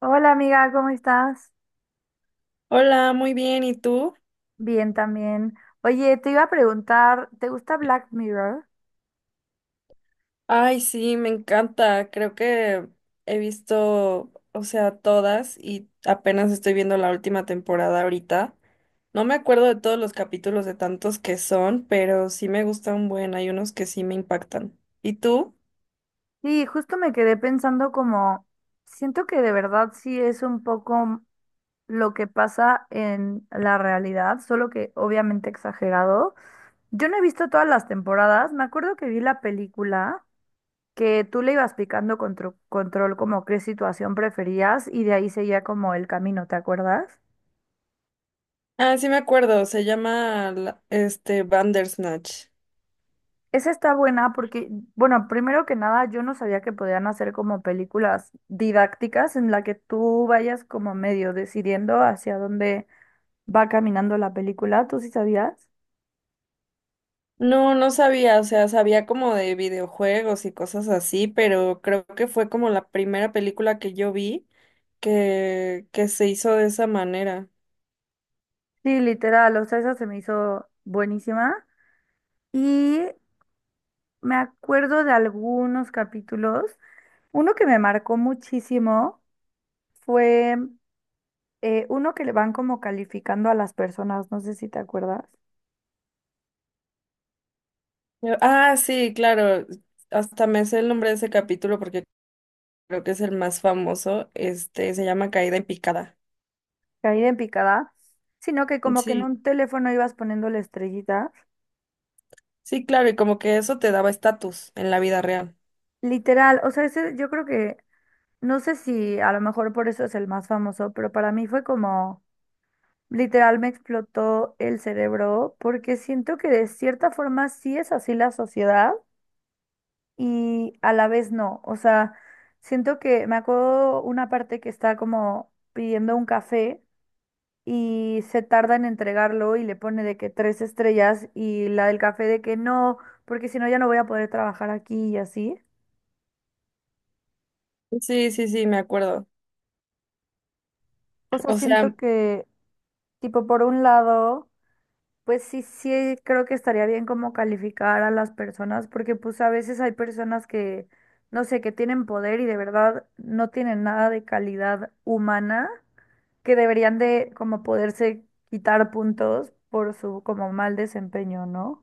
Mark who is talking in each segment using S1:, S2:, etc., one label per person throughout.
S1: Hola amiga, ¿cómo estás?
S2: Hola, muy bien, ¿y tú?
S1: Bien también. Oye, te iba a preguntar, ¿te gusta Black Mirror?
S2: Ay, sí, me encanta. Creo que he visto, o sea, todas y apenas estoy viendo la última temporada ahorita. No me acuerdo de todos los capítulos de tantos que son, pero sí me gustan hay unos que sí me impactan. ¿Y tú?
S1: Sí, justo me quedé pensando como, siento que de verdad sí es un poco lo que pasa en la realidad, solo que obviamente exagerado. Yo no he visto todas las temporadas, me acuerdo que vi la película que tú le ibas picando control como qué situación preferías y de ahí seguía como el camino, ¿te acuerdas?
S2: Ah, sí me acuerdo, se llama Bandersnatch.
S1: Esa está buena porque, bueno, primero que nada, yo no sabía que podían hacer como películas didácticas en la que tú vayas como medio decidiendo hacia dónde va caminando la película. ¿Tú sí sabías?
S2: No, no sabía, o sea, sabía como de videojuegos y cosas así, pero creo que fue como la primera película que yo vi que se hizo de esa manera.
S1: Sí, literal, o sea, esa se me hizo buenísima. Y me acuerdo de algunos capítulos. Uno que me marcó muchísimo fue uno que le van como calificando a las personas, no sé si te acuerdas.
S2: Ah, sí, claro, hasta me sé el nombre de ese capítulo porque creo que es el más famoso, se llama Caída en picada.
S1: Caída en picada, sino que como que en
S2: Sí,
S1: un teléfono ibas poniéndole estrellitas.
S2: sí, claro, y como que eso te daba estatus en la vida real.
S1: Literal, o sea, ese yo creo que, no sé si a lo mejor por eso es el más famoso, pero para mí fue como, literal me explotó el cerebro porque siento que de cierta forma sí es así la sociedad y a la vez no. O sea, siento que me acuerdo una parte que está como pidiendo un café. Y se tarda en entregarlo y le pone de que tres estrellas y la del café de que no, porque si no ya no voy a poder trabajar aquí y así.
S2: Sí, sí, sí, me acuerdo.
S1: O sea,
S2: O sea,
S1: siento que, tipo, por un lado, pues sí, sí, creo que estaría bien como calificar a las personas, porque pues a veces hay personas que, no sé, que tienen poder y de verdad no tienen nada de calidad humana, que deberían de como poderse quitar puntos por su como mal desempeño, ¿no?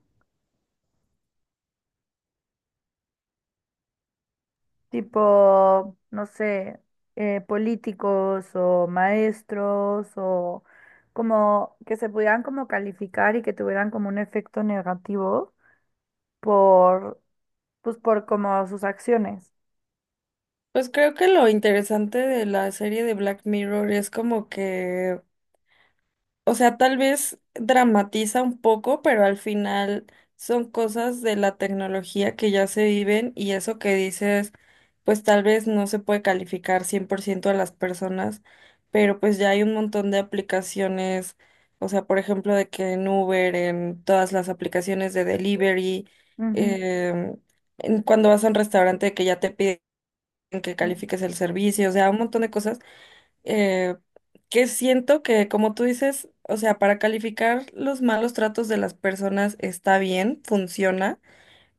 S1: Tipo, no sé, políticos o maestros o como que se pudieran como calificar y que tuvieran como un efecto negativo por, pues por como sus acciones.
S2: pues creo que lo interesante de la serie de Black Mirror es como que o sea, tal vez dramatiza un poco, pero al final son cosas de la tecnología que ya se viven y eso que dices, pues tal vez no se puede calificar 100% a las personas, pero pues ya hay un montón de aplicaciones, o sea, por ejemplo, de que en Uber, en todas las aplicaciones de delivery.
S1: Ujú.
S2: em, en cuando vas a un restaurante que ya te piden que califiques el servicio, o sea, un montón de cosas eh, que siento que, como tú dices, o sea, para calificar los malos tratos de las personas está bien, funciona.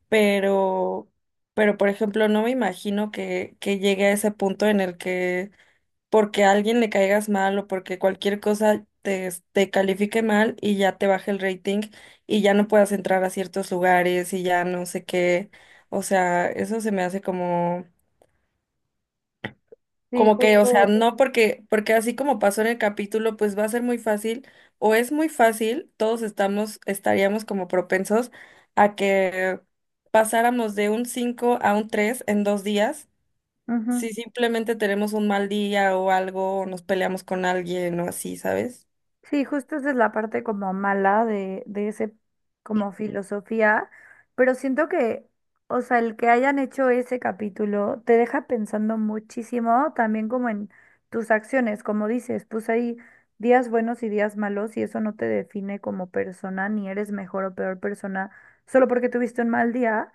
S2: Pero, pero por ejemplo, no me imagino que llegue a ese punto en el que porque a alguien le caigas mal o porque cualquier cosa te califique mal y ya te baje el rating y ya no puedas entrar a ciertos lugares y ya no sé qué. O sea, eso se me hace como
S1: Sí,
S2: como que, o sea,
S1: justo.
S2: no porque así como pasó en el capítulo, pues va a ser muy fácil, o es muy fácil, todos estaríamos como propensos a que pasáramos de un 5 a un 3 en 2 días,
S1: Ujú.
S2: si simplemente tenemos un mal día o algo, o nos peleamos con alguien o así, ¿sabes?
S1: Sí, justo esa es la parte como mala de ese como filosofía, pero siento que, o sea, el que hayan hecho ese capítulo te deja pensando muchísimo también como en tus acciones, como dices, pues hay días buenos y días malos y eso no te define como persona, ni eres mejor o peor persona solo porque tuviste un mal día,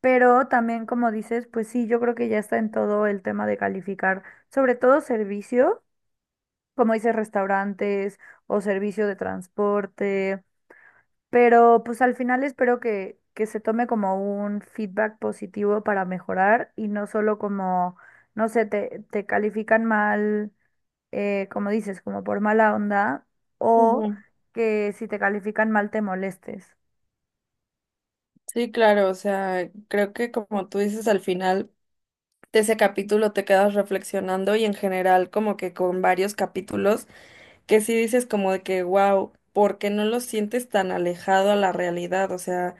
S1: pero también como dices, pues sí, yo creo que ya está en todo el tema de calificar, sobre todo servicio como dices, restaurantes o servicio de transporte, pero pues al final espero que se tome como un feedback positivo para mejorar y no solo como, no sé, te califican mal, como dices, como por mala onda o
S2: Ujú.
S1: que si te califican mal te molestes.
S2: Sí, claro, o sea, creo que como tú dices al final de ese capítulo te quedas reflexionando y en general como que con varios capítulos que sí dices como de que, wow, ¿porque no lo sientes tan alejado a la realidad? O sea,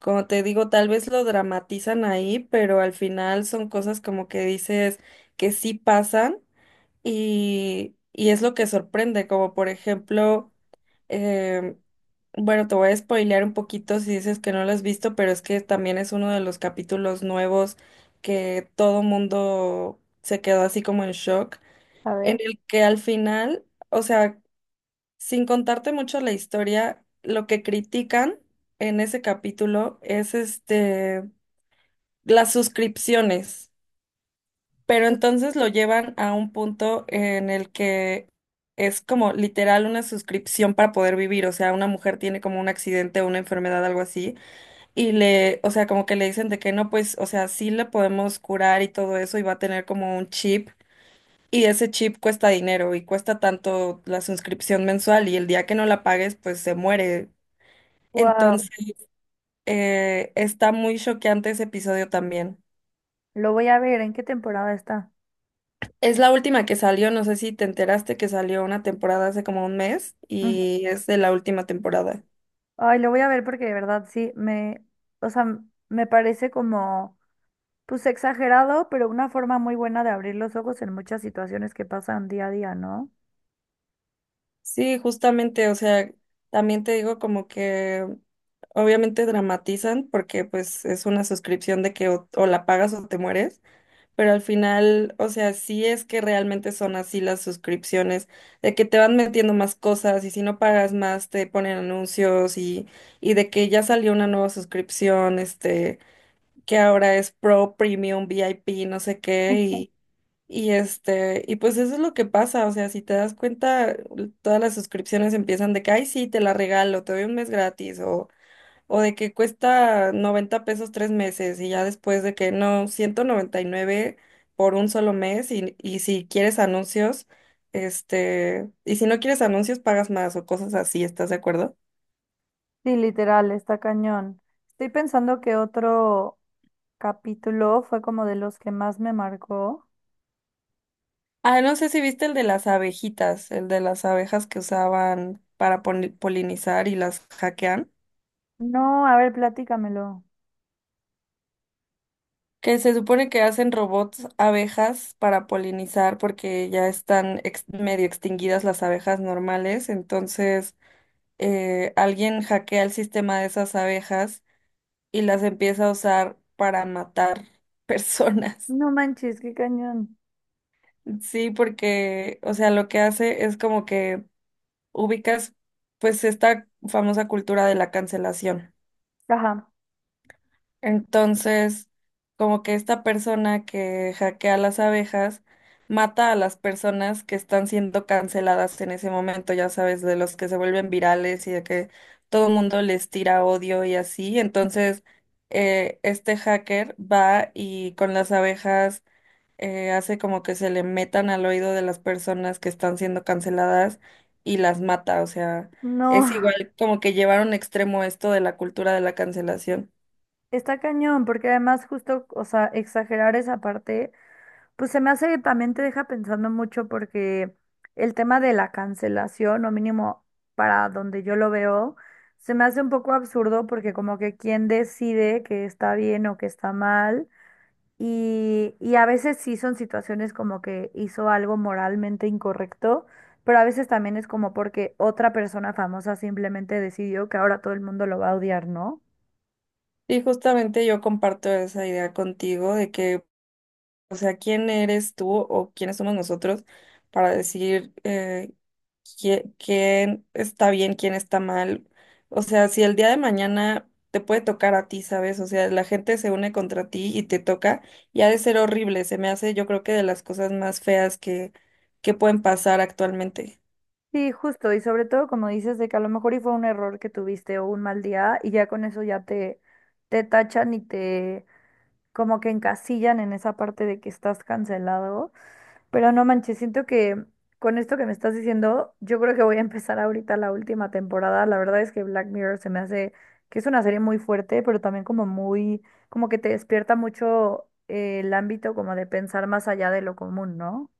S2: como te digo, tal vez lo dramatizan ahí, pero al final son cosas como que dices que sí pasan, y es lo que sorprende, como por ejemplo. em, bueno, te voy a spoilear un poquito si dices que no lo has visto, pero es que también es uno de los capítulos nuevos que todo mundo se quedó así como en shock,
S1: A
S2: en
S1: ver.
S2: el que al final, o sea, sin contarte mucho la historia, lo que critican en ese capítulo es las suscripciones, pero entonces lo llevan a un punto en el que es como literal una suscripción para poder vivir. O sea, una mujer tiene como un accidente o una enfermedad, algo así, y o sea, como que le dicen de que no, pues, o sea, sí le podemos curar y todo eso y va a tener como un chip. Y ese chip cuesta dinero y cuesta tanto la suscripción mensual y el día que no la pagues, pues se muere.
S1: Wow,
S2: Entonces, está muy choqueante ese episodio también.
S1: lo voy a ver, ¿en qué temporada está?
S2: Es la última que salió, no sé si te enteraste que salió una temporada hace como un mes
S1: Ujú.
S2: y es de la última temporada.
S1: Ay, lo voy a ver porque de verdad sí, me, o sea, me parece como pues exagerado, pero una forma muy buena de abrir los ojos en muchas situaciones que pasan día a día, ¿no?
S2: Sí, justamente, o sea, también te digo como que obviamente dramatizan porque pues es una suscripción de que o la pagas o te mueres. Pero al final, o sea, sí es que realmente son así las suscripciones, de que te van metiendo más cosas y si no pagas más te ponen anuncios, y de que ya salió una nueva suscripción, que ahora es Pro, Premium, VIP, no sé qué, y pues eso es lo que pasa, o sea, si te das cuenta, todas las suscripciones empiezan de que, ay, sí, te la regalo, te doy un mes gratis, o de que cuesta 90 pesos 3 meses y ya después de que no, 199 por un solo mes y si quieres anuncios, y si no quieres anuncios pagas más o cosas así, ¿estás de acuerdo?
S1: Sí, literal, está cañón. Estoy pensando que otro capítulo fue como de los que más me marcó.
S2: Ah, no sé si viste el de las abejitas, el de las abejas que usaban para polinizar y las hackean,
S1: No, a ver, platícamelo.
S2: que se supone que hacen robots abejas para polinizar porque ya están medio extinguidas las abejas normales. Entonces, alguien hackea el sistema de esas abejas y las empieza a usar para matar personas.
S1: No manches, qué cañón.
S2: Sí, porque, o sea, lo que hace es como que ubicas pues esta famosa cultura de la cancelación.
S1: Ajá.
S2: Entonces, como que esta persona que hackea las abejas mata a las personas que están siendo canceladas en ese momento, ya sabes, de los que se vuelven virales y de que todo el mundo les tira odio y así. Entonces, este hacker va y con las abejas hace como que se le metan al oído de las personas que están siendo canceladas y las mata. O sea,
S1: No,
S2: es igual como que llevar a un extremo esto de la cultura de la cancelación.
S1: está cañón, porque además justo, o sea, exagerar esa parte. Pues se me hace que también te deja pensando mucho porque el tema de la cancelación, o mínimo para donde yo lo veo, se me hace un poco absurdo porque como que quién decide que está bien o que está mal. Y a veces sí son situaciones como que hizo algo moralmente incorrecto, pero a veces también es como porque otra persona famosa simplemente decidió que ahora todo el mundo lo va a odiar, ¿no?
S2: Y justamente yo comparto esa idea contigo de que, o sea, ¿quién eres tú o quiénes somos nosotros para decir quién está bien, quién está mal? O sea, si el día de mañana te puede tocar a ti, ¿sabes? O sea, la gente se une contra ti y te toca y ha de ser horrible. Se me hace, yo creo que de las cosas más feas que pueden pasar actualmente.
S1: Sí, justo, y sobre todo como dices de que a lo mejor y fue un error que tuviste o un mal día y ya con eso ya te tachan y te como que encasillan en esa parte de que estás cancelado. Pero no manches, siento que con esto que me estás diciendo, yo creo que voy a empezar ahorita la última temporada. La verdad es que Black Mirror se me hace que es una serie muy fuerte, pero también como muy, como que te despierta mucho el ámbito como de pensar más allá de lo común, ¿no?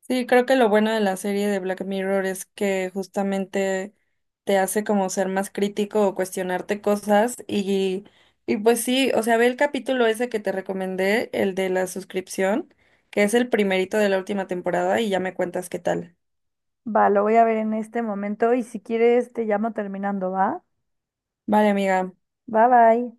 S2: Sí, creo que lo bueno de la serie de Black Mirror es que justamente te hace como ser más crítico o cuestionarte cosas, y pues sí, o sea, ve el capítulo ese que te recomendé, el de la suscripción, que es el primerito de la última temporada y ya me cuentas qué tal.
S1: Va, lo voy a ver en este momento y si quieres te llamo terminando, ¿va?
S2: Vale, amiga.
S1: Bye bye.